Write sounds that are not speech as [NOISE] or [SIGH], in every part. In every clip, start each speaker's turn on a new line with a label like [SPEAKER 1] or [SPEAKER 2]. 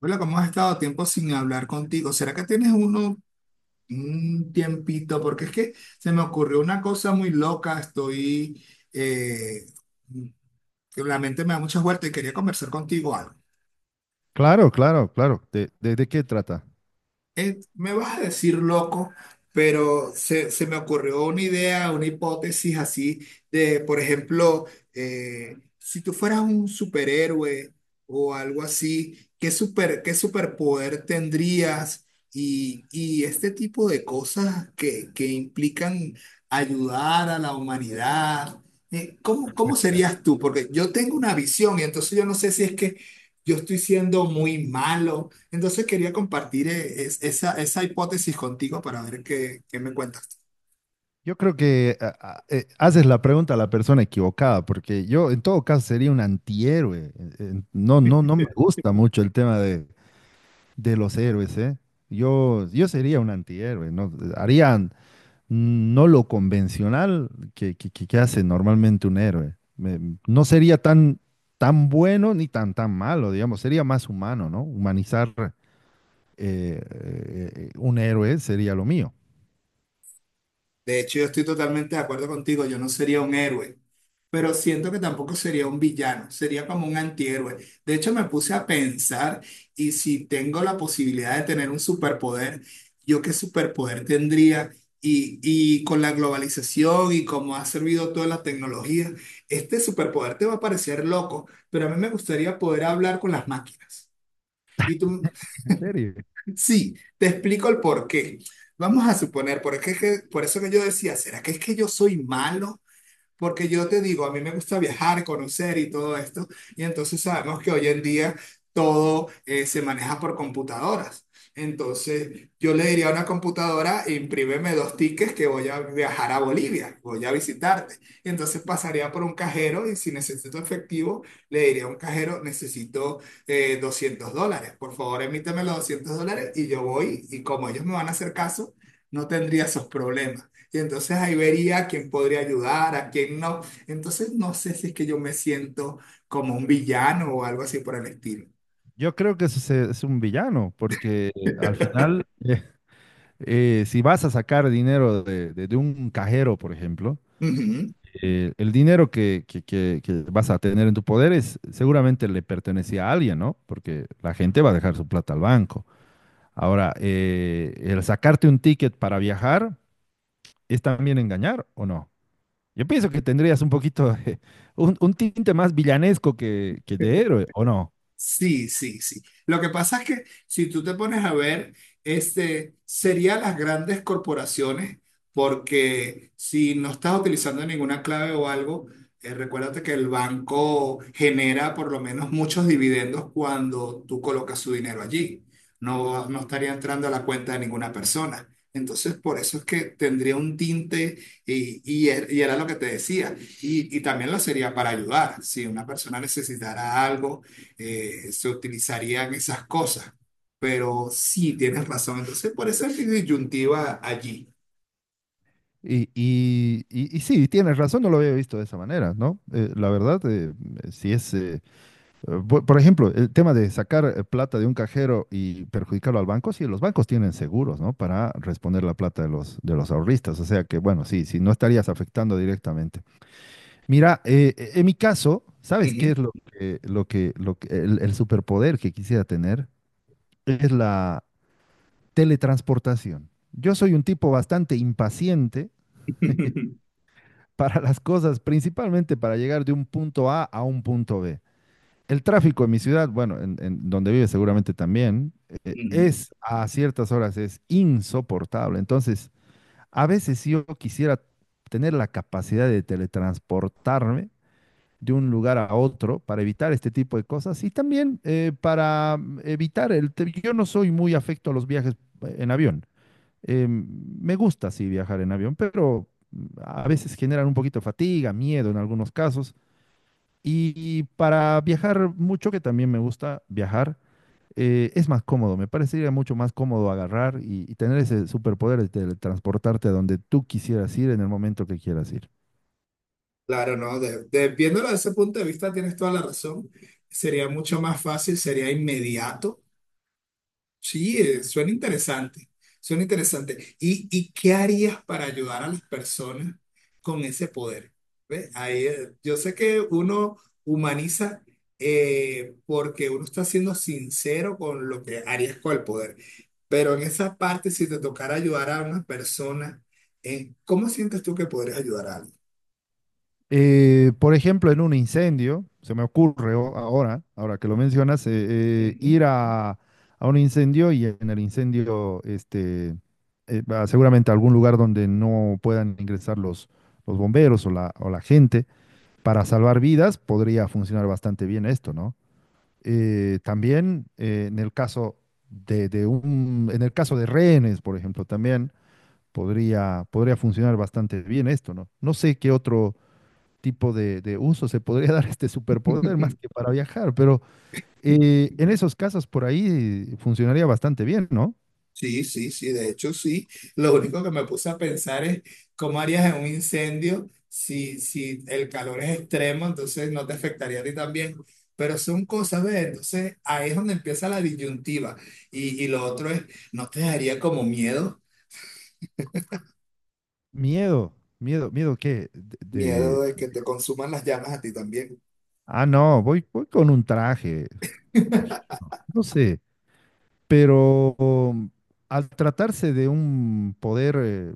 [SPEAKER 1] Hola, ¿cómo has estado? Tiempo sin hablar contigo. ¿Será que tienes uno un tiempito? Porque es que se me ocurrió una cosa muy loca. Eh, que la mente me da muchas vueltas y quería conversar contigo algo.
[SPEAKER 2] Claro, claro, claro. ¿De, de qué trata?
[SPEAKER 1] Me vas a decir loco, pero se me ocurrió una idea, una hipótesis así de, por ejemplo, si tú fueras un superhéroe o algo así, ¿qué superpoder tendrías? Y este tipo de cosas que implican ayudar a la humanidad. ¿Cómo serías tú? Porque yo tengo una visión y entonces yo no sé si es que yo estoy siendo muy malo, entonces quería compartir esa hipótesis contigo para ver qué me cuentas.
[SPEAKER 2] Yo creo que haces la pregunta a la persona equivocada, porque yo en todo caso sería un antihéroe. No, no, no me gusta mucho el tema de los héroes, ¿eh? Yo sería un antihéroe, ¿no? Harían no lo convencional que hace normalmente un héroe. Me- no sería tan, tan bueno ni tan, tan malo, digamos. Sería más humano, ¿no? Humanizar un héroe sería lo mío.
[SPEAKER 1] De hecho, yo estoy totalmente de acuerdo contigo, yo no sería un héroe, pero siento que tampoco sería un villano, sería como un antihéroe. De hecho, me puse a pensar y si tengo la posibilidad de tener un superpoder, ¿yo qué superpoder tendría? Y con la globalización y cómo ha servido toda la tecnología, este superpoder te va a parecer loco, pero a mí me gustaría poder hablar con las máquinas. Y tú,
[SPEAKER 2] En serio.
[SPEAKER 1] sí, te explico el porqué. Vamos a suponer, por eso que yo decía, ¿será que es que yo soy malo? Porque yo te digo, a mí me gusta viajar, conocer y todo esto, y entonces sabemos que hoy en día todo se maneja por computadoras. Entonces, yo le diría a una computadora, imprímeme dos tickets que voy a viajar a Bolivia, voy a visitarte. Y entonces pasaría por un cajero y si necesito efectivo, le diría a un cajero, necesito $200. Por favor, emíteme los $200 y yo voy, y como ellos me van a hacer caso, no tendría esos problemas. Y entonces ahí vería a quién podría ayudar, a quién no. Entonces no sé si es que yo me siento como un villano o algo así por el estilo.
[SPEAKER 2] Yo creo que ese es un villano, porque al
[SPEAKER 1] [LAUGHS]
[SPEAKER 2] final, si vas a sacar dinero de, de un cajero, por ejemplo,
[SPEAKER 1] Ujú.
[SPEAKER 2] el dinero que vas a tener en tu poder es, seguramente le pertenecía a alguien, ¿no? Porque la gente va a dejar su plata al banco. Ahora, el sacarte un ticket para viajar es también engañar, ¿o no? Yo pienso que tendrías un poquito de- un tinte más villanesco que de héroe, ¿o no?
[SPEAKER 1] Sí, sí, sí. Lo que pasa es que si tú te pones a ver, este, serían las grandes corporaciones, porque si no estás utilizando ninguna clave o algo, recuérdate que el banco genera por lo menos muchos dividendos cuando tú colocas su dinero allí. No estaría entrando a la cuenta de ninguna persona. Entonces, por eso es que tendría un tinte, y era lo que te decía. Y también lo sería para ayudar. Si una persona necesitara algo, se utilizarían esas cosas. Pero sí, tienes razón. Entonces, por eso es disyuntiva allí.
[SPEAKER 2] Y sí, tienes razón, no lo había visto de esa manera, ¿no? La verdad, si es, por ejemplo, el tema de sacar plata de un cajero y perjudicarlo al banco, sí, los bancos tienen seguros, ¿no? Para responder la plata de los ahorristas, o sea que, bueno, sí, sí, no estarías afectando directamente. Mira, en mi caso, ¿sabes qué es
[SPEAKER 1] Ujú,
[SPEAKER 2] lo que, el superpoder que quisiera tener? Es la teletransportación. Yo soy un tipo bastante impaciente
[SPEAKER 1] [LAUGHS]
[SPEAKER 2] para las cosas, principalmente para llegar de un punto A a un punto B. El tráfico en mi ciudad, bueno, en donde vive seguramente también,
[SPEAKER 1] ujú.
[SPEAKER 2] es a ciertas horas es insoportable. Entonces, a veces si yo quisiera tener la capacidad de teletransportarme de un lugar a otro para evitar este tipo de cosas y también para evitar Yo no soy muy afecto a los viajes en avión. Me gusta, sí, viajar en avión, pero a veces generan un poquito de fatiga, miedo en algunos casos. Y y para viajar mucho, que también me gusta viajar, es más cómodo. Me parecería mucho más cómodo agarrar y tener ese superpoder de teletransportarte a donde tú quisieras ir en el momento que quieras ir.
[SPEAKER 1] Claro, ¿no? Viéndolo desde ese punto de vista, tienes toda la razón. Sería mucho más fácil, sería inmediato. Sí, suena interesante, suena interesante. ¿Y qué harías para ayudar a las personas con ese poder? ¿Ve? Ahí, yo sé que uno humaniza, porque uno está siendo sincero con lo que harías con el poder, pero en esa parte, si te tocara ayudar a una persona, ¿en ¿cómo sientes tú que podrías ayudar a alguien?
[SPEAKER 2] Por ejemplo, en un incendio, se me ocurre o- ahora, ahora que lo mencionas, ir a un incendio y en el incendio, este, va seguramente a algún lugar donde no puedan ingresar los bomberos o la gente para salvar vidas, podría funcionar bastante bien esto, ¿no? También en el caso de un, en el caso de rehenes, por ejemplo, también podría, podría funcionar bastante bien esto, ¿no? No sé qué otro tipo de uso se podría [LAUGHS] dar este superpoder
[SPEAKER 1] Ujú.
[SPEAKER 2] más
[SPEAKER 1] [LAUGHS]
[SPEAKER 2] que para viajar, pero en esos casos por ahí funcionaría bastante bien, ¿no?
[SPEAKER 1] Sí, sí, sí, de hecho sí. Lo único que me puse a pensar es cómo harías en un incendio si, si el calor es extremo, entonces no te afectaría a ti también. Pero son cosas, ¿ves? Entonces ahí es donde empieza la disyuntiva. Y lo otro es, ¿no te daría como miedo?
[SPEAKER 2] Miedo. Miedo, miedo qué,
[SPEAKER 1] Miedo
[SPEAKER 2] de-
[SPEAKER 1] de que te consuman las llamas a ti también.
[SPEAKER 2] ah, no, voy, voy con un traje, imagino, no sé, pero al tratarse de un poder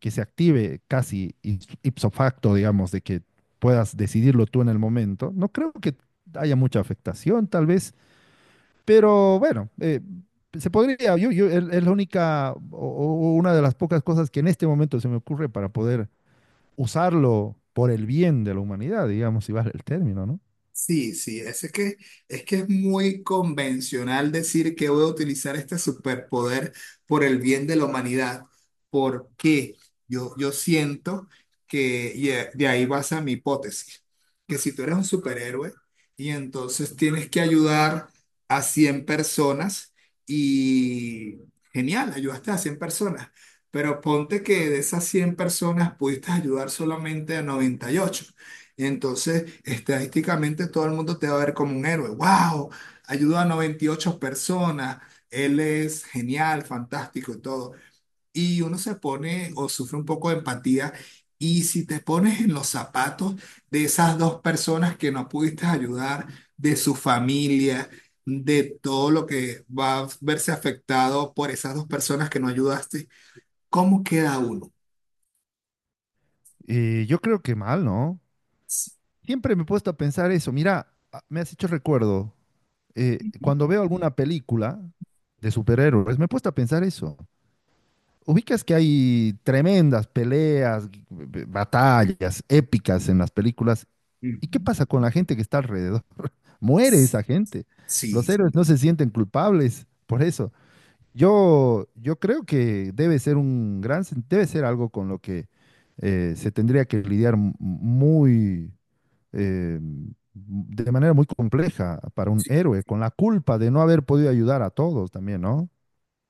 [SPEAKER 2] que se active casi ipso facto, digamos, de que puedas decidirlo tú en el momento, no creo que haya mucha afectación, tal vez. Pero bueno, se podría, yo, es la única o una de las pocas cosas que en este momento se me ocurre para poder usarlo por el bien de la humanidad, digamos, si vale el término, ¿no?
[SPEAKER 1] Sí, sí, es que, es que es muy convencional decir que voy a utilizar este superpoder por el bien de la humanidad, porque yo siento que, y de ahí basa mi hipótesis, que si tú eres un superhéroe y entonces tienes que ayudar a 100 personas y genial, ayudaste a 100 personas, pero ponte que de esas 100 personas pudiste ayudar solamente a 98, y entonces, estadísticamente, todo el mundo te va a ver como un héroe. ¡Wow! Ayudó a 98 personas. Él es genial, fantástico y todo. Y uno se pone o sufre un poco de empatía. Y si te pones en los zapatos de esas dos personas que no pudiste ayudar, de su familia, de todo lo que va a verse afectado por esas dos personas que no ayudaste, ¿cómo queda uno?
[SPEAKER 2] Yo creo que mal, ¿no? Siempre me he puesto a pensar eso. Mira, a- me has hecho recuerdo, cuando veo alguna película de superhéroes, me he puesto a pensar eso. Ubicas que hay tremendas peleas, batallas épicas en las películas. ¿Y qué
[SPEAKER 1] Ujú.
[SPEAKER 2] pasa con la gente que está alrededor? Muere esa gente. Los
[SPEAKER 1] Sí,
[SPEAKER 2] héroes no se sienten culpables por eso. Yo creo que debe ser un gran, sen- debe ser algo con lo que se tendría que lidiar muy, de manera muy compleja para un héroe, con la culpa de no haber podido ayudar a todos también, ¿no?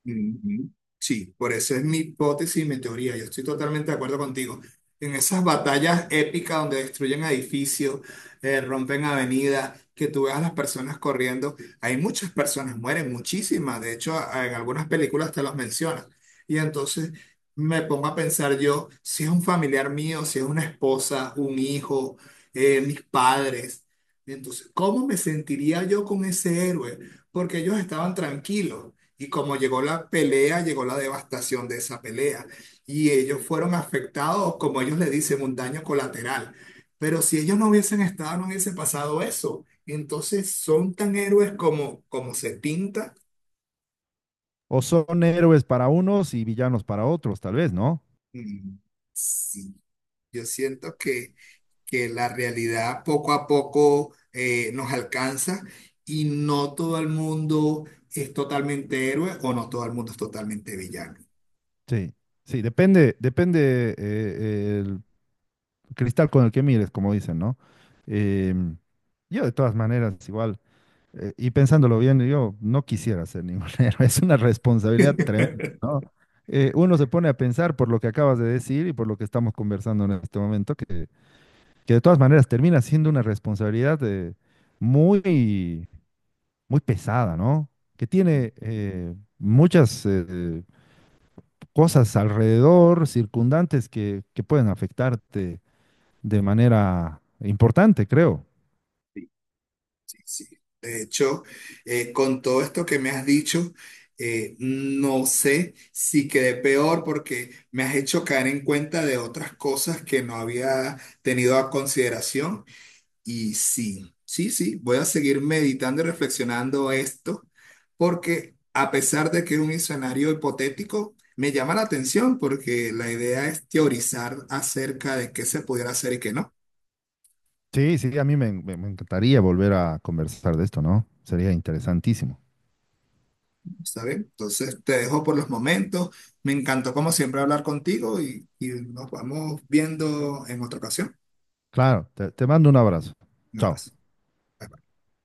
[SPEAKER 1] ujú. Sí, por eso es mi hipótesis y mi teoría. Yo estoy totalmente de acuerdo contigo. En esas batallas épicas donde destruyen edificios, rompen avenidas, que tú veas a las personas corriendo, hay muchas personas, mueren muchísimas. De hecho, en algunas películas te los mencionan. Y entonces me pongo a pensar yo, si es un familiar mío, si es una esposa, un hijo, mis padres. Entonces, ¿cómo me sentiría yo con ese héroe? Porque ellos estaban tranquilos. Y como llegó la pelea, llegó la devastación de esa pelea. Y ellos fueron afectados, como ellos le dicen, un daño colateral. Pero si ellos no hubiesen estado, no hubiese pasado eso. Entonces, ¿son tan héroes como, como se pinta?
[SPEAKER 2] O son héroes para unos y villanos para otros, tal vez, ¿no?
[SPEAKER 1] Mm, sí, yo siento que la realidad poco a poco nos alcanza y no todo el mundo es totalmente héroe o no todo el mundo es totalmente villano.
[SPEAKER 2] Sí, sí, depende, depende cristal con el que mires, como dicen, ¿no? Em, yo de todas maneras, igual, y pensándolo bien, yo no quisiera ser ningún [LAUGHS] héroe, es una responsabilidad tremenda, ¿no? Uno se pone a pensar por lo que acabas de decir y por lo que estamos conversando en este momento, que de todas maneras termina siendo una responsabilidad muy, muy pesada, ¿no? Que tiene muchas cosas alrededor, circundantes que pueden afectarte de manera importante, creo.
[SPEAKER 1] Sí, sí. De hecho, con todo esto que me has dicho, no sé si quedé peor porque me has hecho caer en cuenta de otras cosas que no había tenido a consideración. Y sí, sí, sí, voy a seguir meditando y reflexionando esto, porque a pesar de que es un escenario hipotético, me llama la atención porque la idea es teorizar acerca de qué se pudiera hacer y qué no.
[SPEAKER 2] Sí, sí, a mí me, me encantaría volver a conversar de esto, ¿no? Sería interesantísimo.
[SPEAKER 1] ¿Está bien? Entonces te dejo por los momentos. Me encantó como siempre hablar contigo y nos vamos viendo en otra ocasión.
[SPEAKER 2] Claro, te mando un abrazo.
[SPEAKER 1] Un
[SPEAKER 2] Chao.
[SPEAKER 1] abrazo. Bye, bye.